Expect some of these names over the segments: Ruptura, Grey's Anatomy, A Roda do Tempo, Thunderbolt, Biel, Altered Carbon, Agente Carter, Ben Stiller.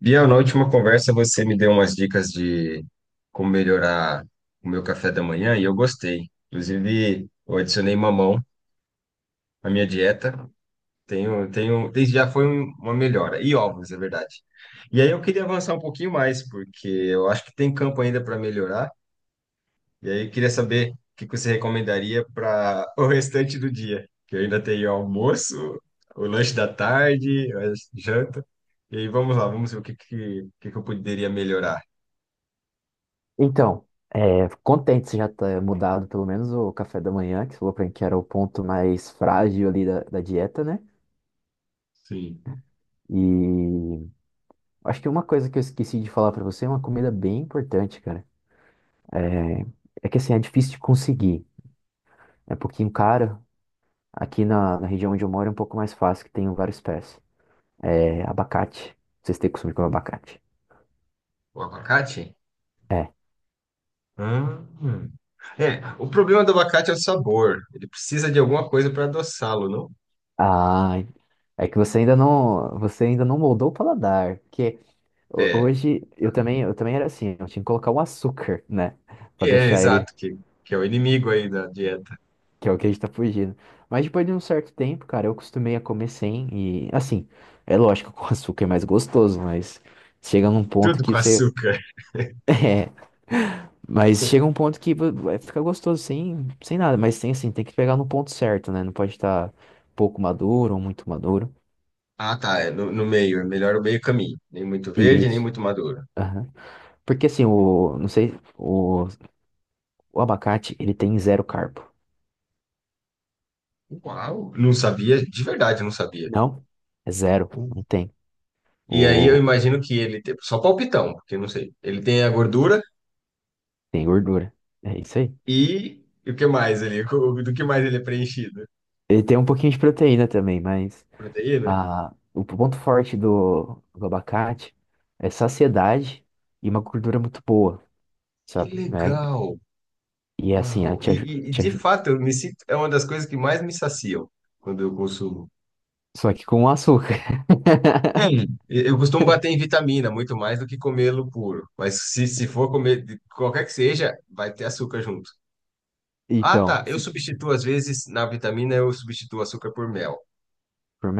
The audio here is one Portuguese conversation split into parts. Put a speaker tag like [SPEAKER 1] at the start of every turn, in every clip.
[SPEAKER 1] Biel, na última conversa você me deu umas dicas de como melhorar o meu café da manhã e eu gostei. Inclusive, eu adicionei mamão à minha dieta. Tenho, desde já foi uma melhora. E ovos, é verdade. E aí eu queria avançar um pouquinho mais, porque eu acho que tem campo ainda para melhorar. E aí eu queria saber o que que você recomendaria para o restante do dia. Que eu ainda tenho almoço, o lanche da tarde, a janta. E aí vamos lá, vamos ver o que que eu poderia melhorar.
[SPEAKER 2] Então, é, contente você já ter mudado pelo menos o café da manhã, que você falou pra mim que era o ponto mais frágil ali da dieta, né?
[SPEAKER 1] Sim.
[SPEAKER 2] E acho que uma coisa que eu esqueci de falar pra você é uma comida bem importante, cara. É que assim, é difícil de conseguir. É um pouquinho caro. Aqui na região onde eu moro é um pouco mais fácil, que tem várias espécies. É abacate. Vocês têm costume de comer abacate?
[SPEAKER 1] O abacate?
[SPEAKER 2] É.
[SPEAKER 1] Ah, é, o problema do abacate é o sabor. Ele precisa de alguma coisa para adoçá-lo, não?
[SPEAKER 2] Ah, é que você ainda não moldou o paladar, porque
[SPEAKER 1] É,
[SPEAKER 2] hoje eu também era assim, eu tinha que colocar um açúcar, né? Pra
[SPEAKER 1] é
[SPEAKER 2] deixar ele,
[SPEAKER 1] exato, que é o inimigo aí da dieta.
[SPEAKER 2] que é o que a gente tá fugindo. Mas depois de um certo tempo, cara, eu acostumei a comer sem e assim, é lógico que o açúcar é mais gostoso, mas chega num ponto
[SPEAKER 1] Tudo
[SPEAKER 2] que
[SPEAKER 1] com
[SPEAKER 2] você…
[SPEAKER 1] açúcar.
[SPEAKER 2] É, mas chega um ponto que vai ficar gostoso sem, sem nada, mas tem assim, tem que pegar no ponto certo, né? Não pode estar pouco maduro ou muito maduro.
[SPEAKER 1] Ah, tá, é no meio, é melhor o meio caminho. Nem muito verde, nem
[SPEAKER 2] Isso.
[SPEAKER 1] muito maduro.
[SPEAKER 2] Aham. Porque assim, o, não sei, o, o abacate, ele tem zero carbo.
[SPEAKER 1] Uau, não sabia, de verdade não sabia.
[SPEAKER 2] Não, é zero, não
[SPEAKER 1] Hum.
[SPEAKER 2] tem.
[SPEAKER 1] E aí eu
[SPEAKER 2] O…
[SPEAKER 1] imagino que ele tem, só palpitão, porque eu não sei. Ele tem a gordura
[SPEAKER 2] Tem gordura. É isso aí.
[SPEAKER 1] e o que mais ali? Do que mais ele é preenchido?
[SPEAKER 2] Ele tem um pouquinho de proteína também, mas
[SPEAKER 1] Proteína?
[SPEAKER 2] a… o ponto forte do… do abacate é saciedade e uma gordura muito boa,
[SPEAKER 1] Que
[SPEAKER 2] sabe? Né?
[SPEAKER 1] legal!
[SPEAKER 2] E é assim, é,
[SPEAKER 1] Uau! E, e- e, de fato, eu me sinto, é uma das coisas que mais me saciam quando eu consumo.
[SPEAKER 2] só que com açúcar.
[SPEAKER 1] É. Eu costumo bater em vitamina muito mais do que comê-lo puro. Mas se for comer de qualquer que seja, vai ter açúcar junto. Ah,
[SPEAKER 2] Então,
[SPEAKER 1] tá. Eu
[SPEAKER 2] assim,
[SPEAKER 1] substituo, às vezes, na vitamina, eu substituo açúcar por mel.
[SPEAKER 2] por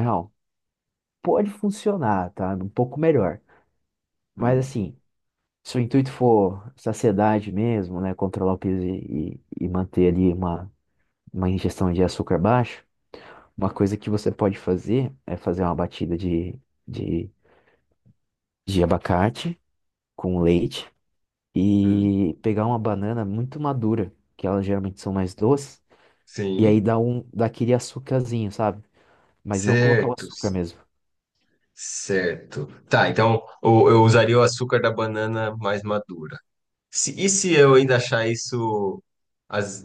[SPEAKER 2] pode funcionar, tá? Um pouco melhor. Mas
[SPEAKER 1] Hum,
[SPEAKER 2] assim, se o intuito for saciedade mesmo, né? Controlar o peso e, e manter ali uma ingestão de açúcar baixo, uma coisa que você pode fazer é fazer uma batida de, de abacate com leite
[SPEAKER 1] hum.
[SPEAKER 2] e pegar uma banana muito madura, que elas geralmente são mais doces, e aí
[SPEAKER 1] Sim.
[SPEAKER 2] dá aquele açucarzinho, sabe? Mas não colocar o açúcar
[SPEAKER 1] Certos.
[SPEAKER 2] mesmo.
[SPEAKER 1] Certo. Certo. Tá, então eu usaria o açúcar da banana mais madura. Se, e se eu ainda achar isso. Az...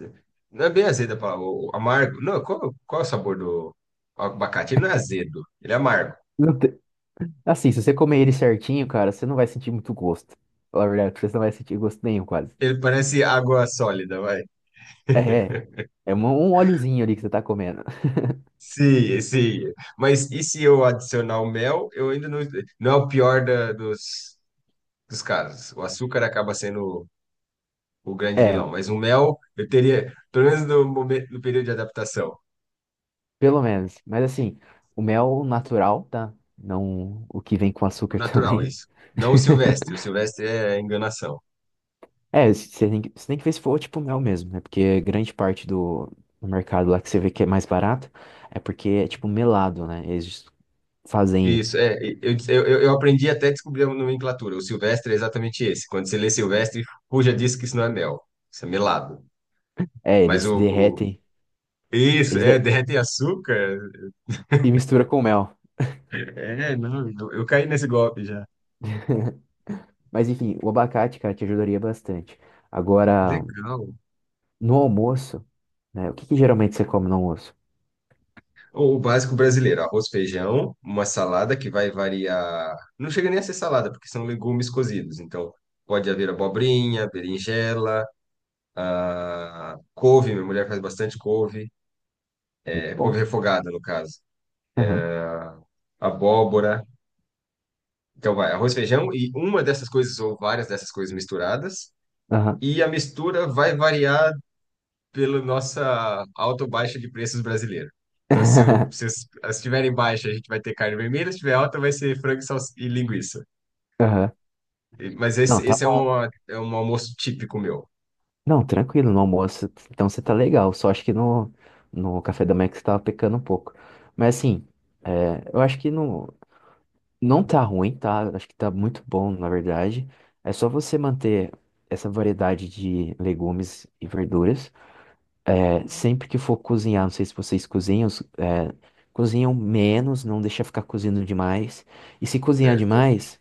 [SPEAKER 1] Não é bem azedo a palavra, o amargo. Não, qual é o sabor do abacate? Ele não é azedo, ele é amargo.
[SPEAKER 2] Não te- Assim, se você comer ele certinho, cara, você não vai sentir muito gosto. Falar a verdade, pra você não vai sentir gosto nenhum, quase.
[SPEAKER 1] Ele parece água sólida, vai.
[SPEAKER 2] É, é um um óleozinho ali que você tá comendo.
[SPEAKER 1] Sim, sim. Mas e se eu adicionar o mel, eu ainda não. Não é o pior dos casos. O açúcar acaba sendo o grande
[SPEAKER 2] É.
[SPEAKER 1] vilão. Mas o mel, eu teria, pelo menos no momento, no período de adaptação.
[SPEAKER 2] Pelo menos. Mas assim, o mel natural, tá? Não o que vem com
[SPEAKER 1] O
[SPEAKER 2] açúcar
[SPEAKER 1] natural,
[SPEAKER 2] também.
[SPEAKER 1] isso. Não o silvestre. O silvestre é enganação.
[SPEAKER 2] É, você tem que ver se for tipo mel mesmo, né? Porque grande parte do mercado lá que você vê que é mais barato é porque é tipo melado, né? Eles fazem.
[SPEAKER 1] Isso, é. Eu aprendi até a descobrir a nomenclatura. O silvestre é exatamente esse. Quando você lê silvestre, fuja disso que isso não é mel. Isso é melado.
[SPEAKER 2] É,
[SPEAKER 1] Mas
[SPEAKER 2] eles
[SPEAKER 1] o, o-
[SPEAKER 2] derretem.
[SPEAKER 1] Isso,
[SPEAKER 2] Eles
[SPEAKER 1] é,
[SPEAKER 2] de-
[SPEAKER 1] derrete açúcar.
[SPEAKER 2] e mistura com mel.
[SPEAKER 1] É, não, eu caí nesse golpe já.
[SPEAKER 2] Mas enfim, o abacate, cara, te ajudaria bastante. Agora,
[SPEAKER 1] Legal.
[SPEAKER 2] no almoço, né? O que que geralmente você come no almoço?
[SPEAKER 1] O básico brasileiro, arroz, feijão, uma salada que vai variar. Não chega nem a ser salada, porque são legumes cozidos. Então, pode haver abobrinha, berinjela, ah, couve, minha mulher faz bastante couve.
[SPEAKER 2] Muito
[SPEAKER 1] É,
[SPEAKER 2] bom.
[SPEAKER 1] couve refogada, no caso.
[SPEAKER 2] Aham,
[SPEAKER 1] Abóbora. Então vai arroz, feijão e uma dessas coisas ou várias dessas coisas misturadas.
[SPEAKER 2] aham,
[SPEAKER 1] E a mistura vai variar pela nossa alta ou baixa de preços brasileira. Então, se as estiverem baixa, a gente vai ter carne vermelha, se estiver alta, vai ser frango e linguiça.
[SPEAKER 2] aham.
[SPEAKER 1] Mas
[SPEAKER 2] Não,
[SPEAKER 1] esse,
[SPEAKER 2] tá
[SPEAKER 1] esse é,
[SPEAKER 2] bom.
[SPEAKER 1] é um almoço típico meu,
[SPEAKER 2] Não, tranquilo, no almoço. Então você tá legal. Só acho que no, no café da manhã que você tava pecando um pouco. Mas assim, é, eu acho que no… Não tá ruim, tá? Acho que tá muito bom, na verdade. É só você manter essa variedade de legumes e verduras. É, sempre que for cozinhar, não sei se vocês cozinham, cozinham menos, não deixa ficar cozindo demais. E se cozinhar
[SPEAKER 1] certo?
[SPEAKER 2] demais,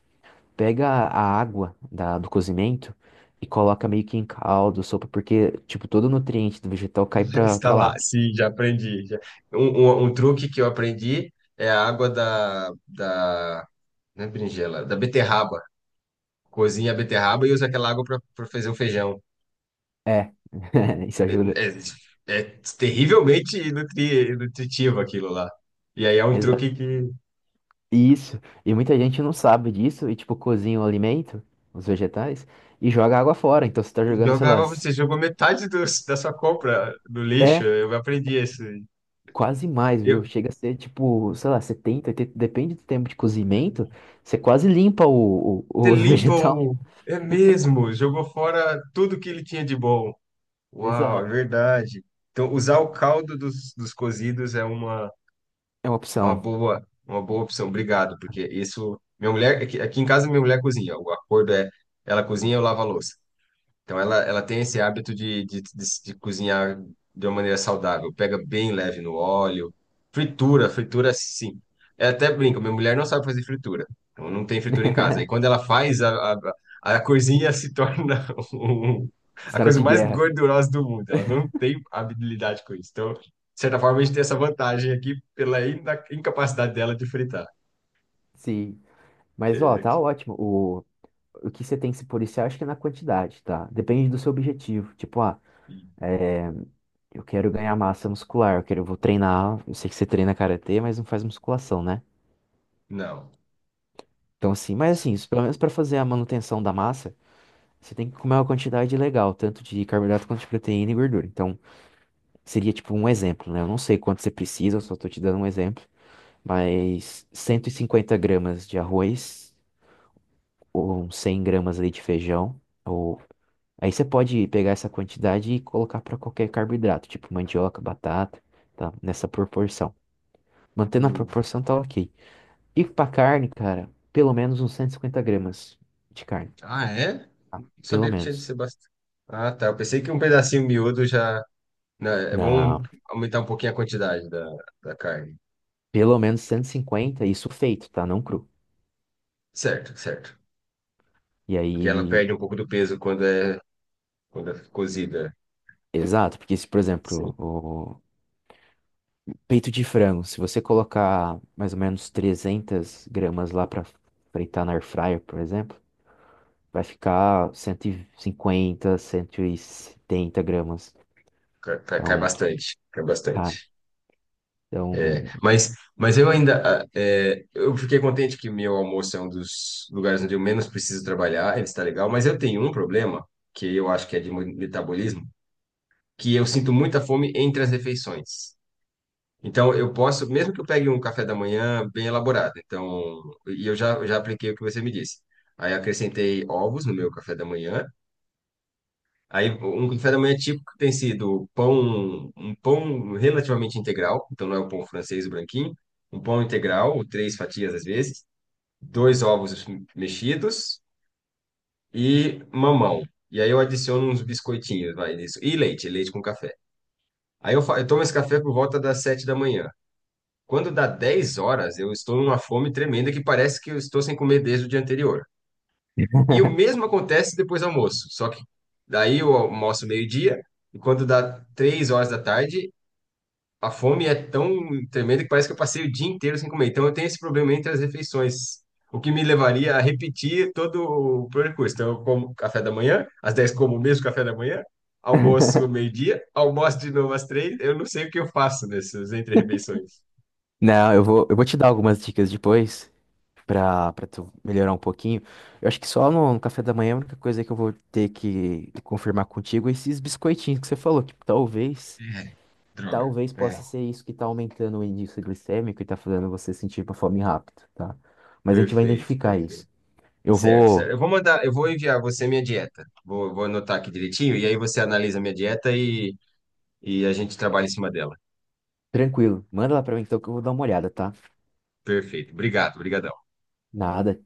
[SPEAKER 2] pega a água do cozimento e coloca meio que em caldo, sopa, porque, tipo, todo o nutriente do vegetal cai
[SPEAKER 1] Está
[SPEAKER 2] pra
[SPEAKER 1] lá,
[SPEAKER 2] lá.
[SPEAKER 1] sim, já aprendi. Já. Um, um truque que eu aprendi é a água não é berinjela, da beterraba. Cozinha a beterraba e usa aquela água para fazer o feijão.
[SPEAKER 2] É, isso
[SPEAKER 1] É,
[SPEAKER 2] ajuda.
[SPEAKER 1] é- é terrivelmente nutritivo aquilo lá. E aí é um truque que
[SPEAKER 2] Isso. E muita gente não sabe disso e, tipo, cozinha o alimento, os vegetais, e joga a água fora. Então você tá jogando, sei lá, s-
[SPEAKER 1] você jogou metade da sua compra no lixo.
[SPEAKER 2] é
[SPEAKER 1] Eu aprendi isso.
[SPEAKER 2] quase mais, viu?
[SPEAKER 1] Eu,
[SPEAKER 2] Chega a ser, tipo, sei lá, 70 80, depende do tempo de cozimento, você quase limpa o, o,
[SPEAKER 1] você
[SPEAKER 2] o
[SPEAKER 1] limpa
[SPEAKER 2] vegetal.
[SPEAKER 1] o. É mesmo, jogou fora tudo que ele tinha de bom. Uau, é
[SPEAKER 2] Exato.
[SPEAKER 1] verdade. Então, usar o caldo dos cozidos é uma.
[SPEAKER 2] É uma
[SPEAKER 1] Uma
[SPEAKER 2] opção.
[SPEAKER 1] boa, uma boa opção, obrigado, porque isso. Minha mulher, aqui em casa, minha mulher cozinha. O acordo é, ela cozinha, e eu lavo a louça. Então ela tem esse hábito de cozinhar de uma maneira saudável. Pega bem leve no óleo. Fritura, fritura sim. Eu até brinco, minha mulher não sabe fazer fritura. Então não tem fritura em casa. E quando ela faz, a coisinha se torna um- a
[SPEAKER 2] Cenário
[SPEAKER 1] coisa
[SPEAKER 2] de
[SPEAKER 1] mais
[SPEAKER 2] guerra.
[SPEAKER 1] gordurosa do mundo. Ela não tem habilidade com isso. Então, de certa forma, a gente tem essa vantagem aqui pela incapacidade dela de fritar.
[SPEAKER 2] Sim. Mas, ó,
[SPEAKER 1] É,
[SPEAKER 2] tá ótimo. O que você tem que se policiar, acho que é na quantidade, tá? Depende do seu objetivo. Tipo, ah, é, eu quero ganhar massa muscular, eu quero, eu vou treinar, eu sei que você treina karatê, mas não faz musculação, né?
[SPEAKER 1] não.
[SPEAKER 2] Então assim, mas assim, isso, pelo menos para fazer a manutenção da massa, você tem que comer uma quantidade legal, tanto de carboidrato quanto de proteína e gordura. Então, seria tipo um exemplo, né? Eu não sei quanto você precisa, eu só tô te dando um exemplo, mas 150 gramas de arroz ou 100 gramas ali de feijão, ou aí você pode pegar essa quantidade e colocar para qualquer carboidrato, tipo mandioca, batata, tá? Nessa proporção. Mantendo a proporção, tá ok. E pra carne, cara, pelo menos uns 150 gramas de carne.
[SPEAKER 1] Ah, é?
[SPEAKER 2] Tá?
[SPEAKER 1] Não
[SPEAKER 2] Pelo
[SPEAKER 1] sabia que tinha de
[SPEAKER 2] menos.
[SPEAKER 1] ser bastante. Ah, tá. Eu pensei que um pedacinho miúdo já. Não, é bom
[SPEAKER 2] Não,
[SPEAKER 1] aumentar um pouquinho a quantidade da carne.
[SPEAKER 2] pelo menos 150, isso feito, tá? Não cru.
[SPEAKER 1] Certo, certo.
[SPEAKER 2] E
[SPEAKER 1] Porque ela
[SPEAKER 2] aí,
[SPEAKER 1] perde um pouco do peso quando é cozida.
[SPEAKER 2] exato, porque se, por
[SPEAKER 1] Sim,
[SPEAKER 2] exemplo, o peito de frango, se você colocar mais ou menos 300 gramas lá pra fritar na air fryer, por exemplo, vai ficar 150, 170 gramas.
[SPEAKER 1] cai
[SPEAKER 2] Então,
[SPEAKER 1] bastante. Cai bastante.
[SPEAKER 2] tá. Então,
[SPEAKER 1] Mas eu ainda. Ah, é, eu fiquei contente que meu almoço é um dos lugares onde eu menos preciso trabalhar. Ele está legal. Mas eu tenho um problema, que eu acho que é de metabolismo, que eu sinto muita fome entre as refeições. Então, eu posso, mesmo que eu pegue um café da manhã bem elaborado, então, e eu já apliquei o que você me disse. Aí acrescentei ovos no meu café da manhã. Aí um café da manhã típico tem sido pão, um pão relativamente integral, então não é o pão francês o branquinho, um pão integral, ou três fatias às vezes, dois ovos mexidos e mamão. E aí eu adiciono uns biscoitinhos, vai nisso, e leite com café. Aí eu tomo esse café por volta das 7 da manhã. Quando dá 10 horas, eu estou numa fome tremenda que parece que eu estou sem comer desde o dia anterior. E o mesmo acontece depois do almoço, só que daí eu almoço meio-dia, e quando dá 3 horas da tarde, a fome é tão tremenda que parece que eu passei o dia inteiro sem comer. Então eu tenho esse problema entre as refeições, o que me levaria a repetir todo o percurso. Então eu como café da manhã, às 10 como o mesmo café da manhã, almoço meio-dia, almoço de novo às 3. Eu não sei o que eu faço nessas entre-refeições.
[SPEAKER 2] não, eu vou te dar algumas dicas depois pra tu melhorar um pouquinho. Eu acho que só no café da manhã é a única coisa que eu vou ter que confirmar contigo é esses biscoitinhos que você falou,
[SPEAKER 1] É, droga.
[SPEAKER 2] talvez
[SPEAKER 1] É,
[SPEAKER 2] possa ser isso que tá aumentando o índice glicêmico e tá fazendo você sentir uma fome rápido, tá? Mas a gente vai
[SPEAKER 1] perfeito,
[SPEAKER 2] identificar
[SPEAKER 1] perfeito.
[SPEAKER 2] isso. Eu
[SPEAKER 1] Certo,
[SPEAKER 2] vou,
[SPEAKER 1] certo. Eu vou enviar você minha dieta. Vou anotar aqui direitinho e aí você analisa minha dieta e a gente trabalha em cima dela.
[SPEAKER 2] tranquilo, manda lá pra mim então que eu vou dar uma olhada, tá?
[SPEAKER 1] Perfeito. Obrigado, obrigado.
[SPEAKER 2] Nada.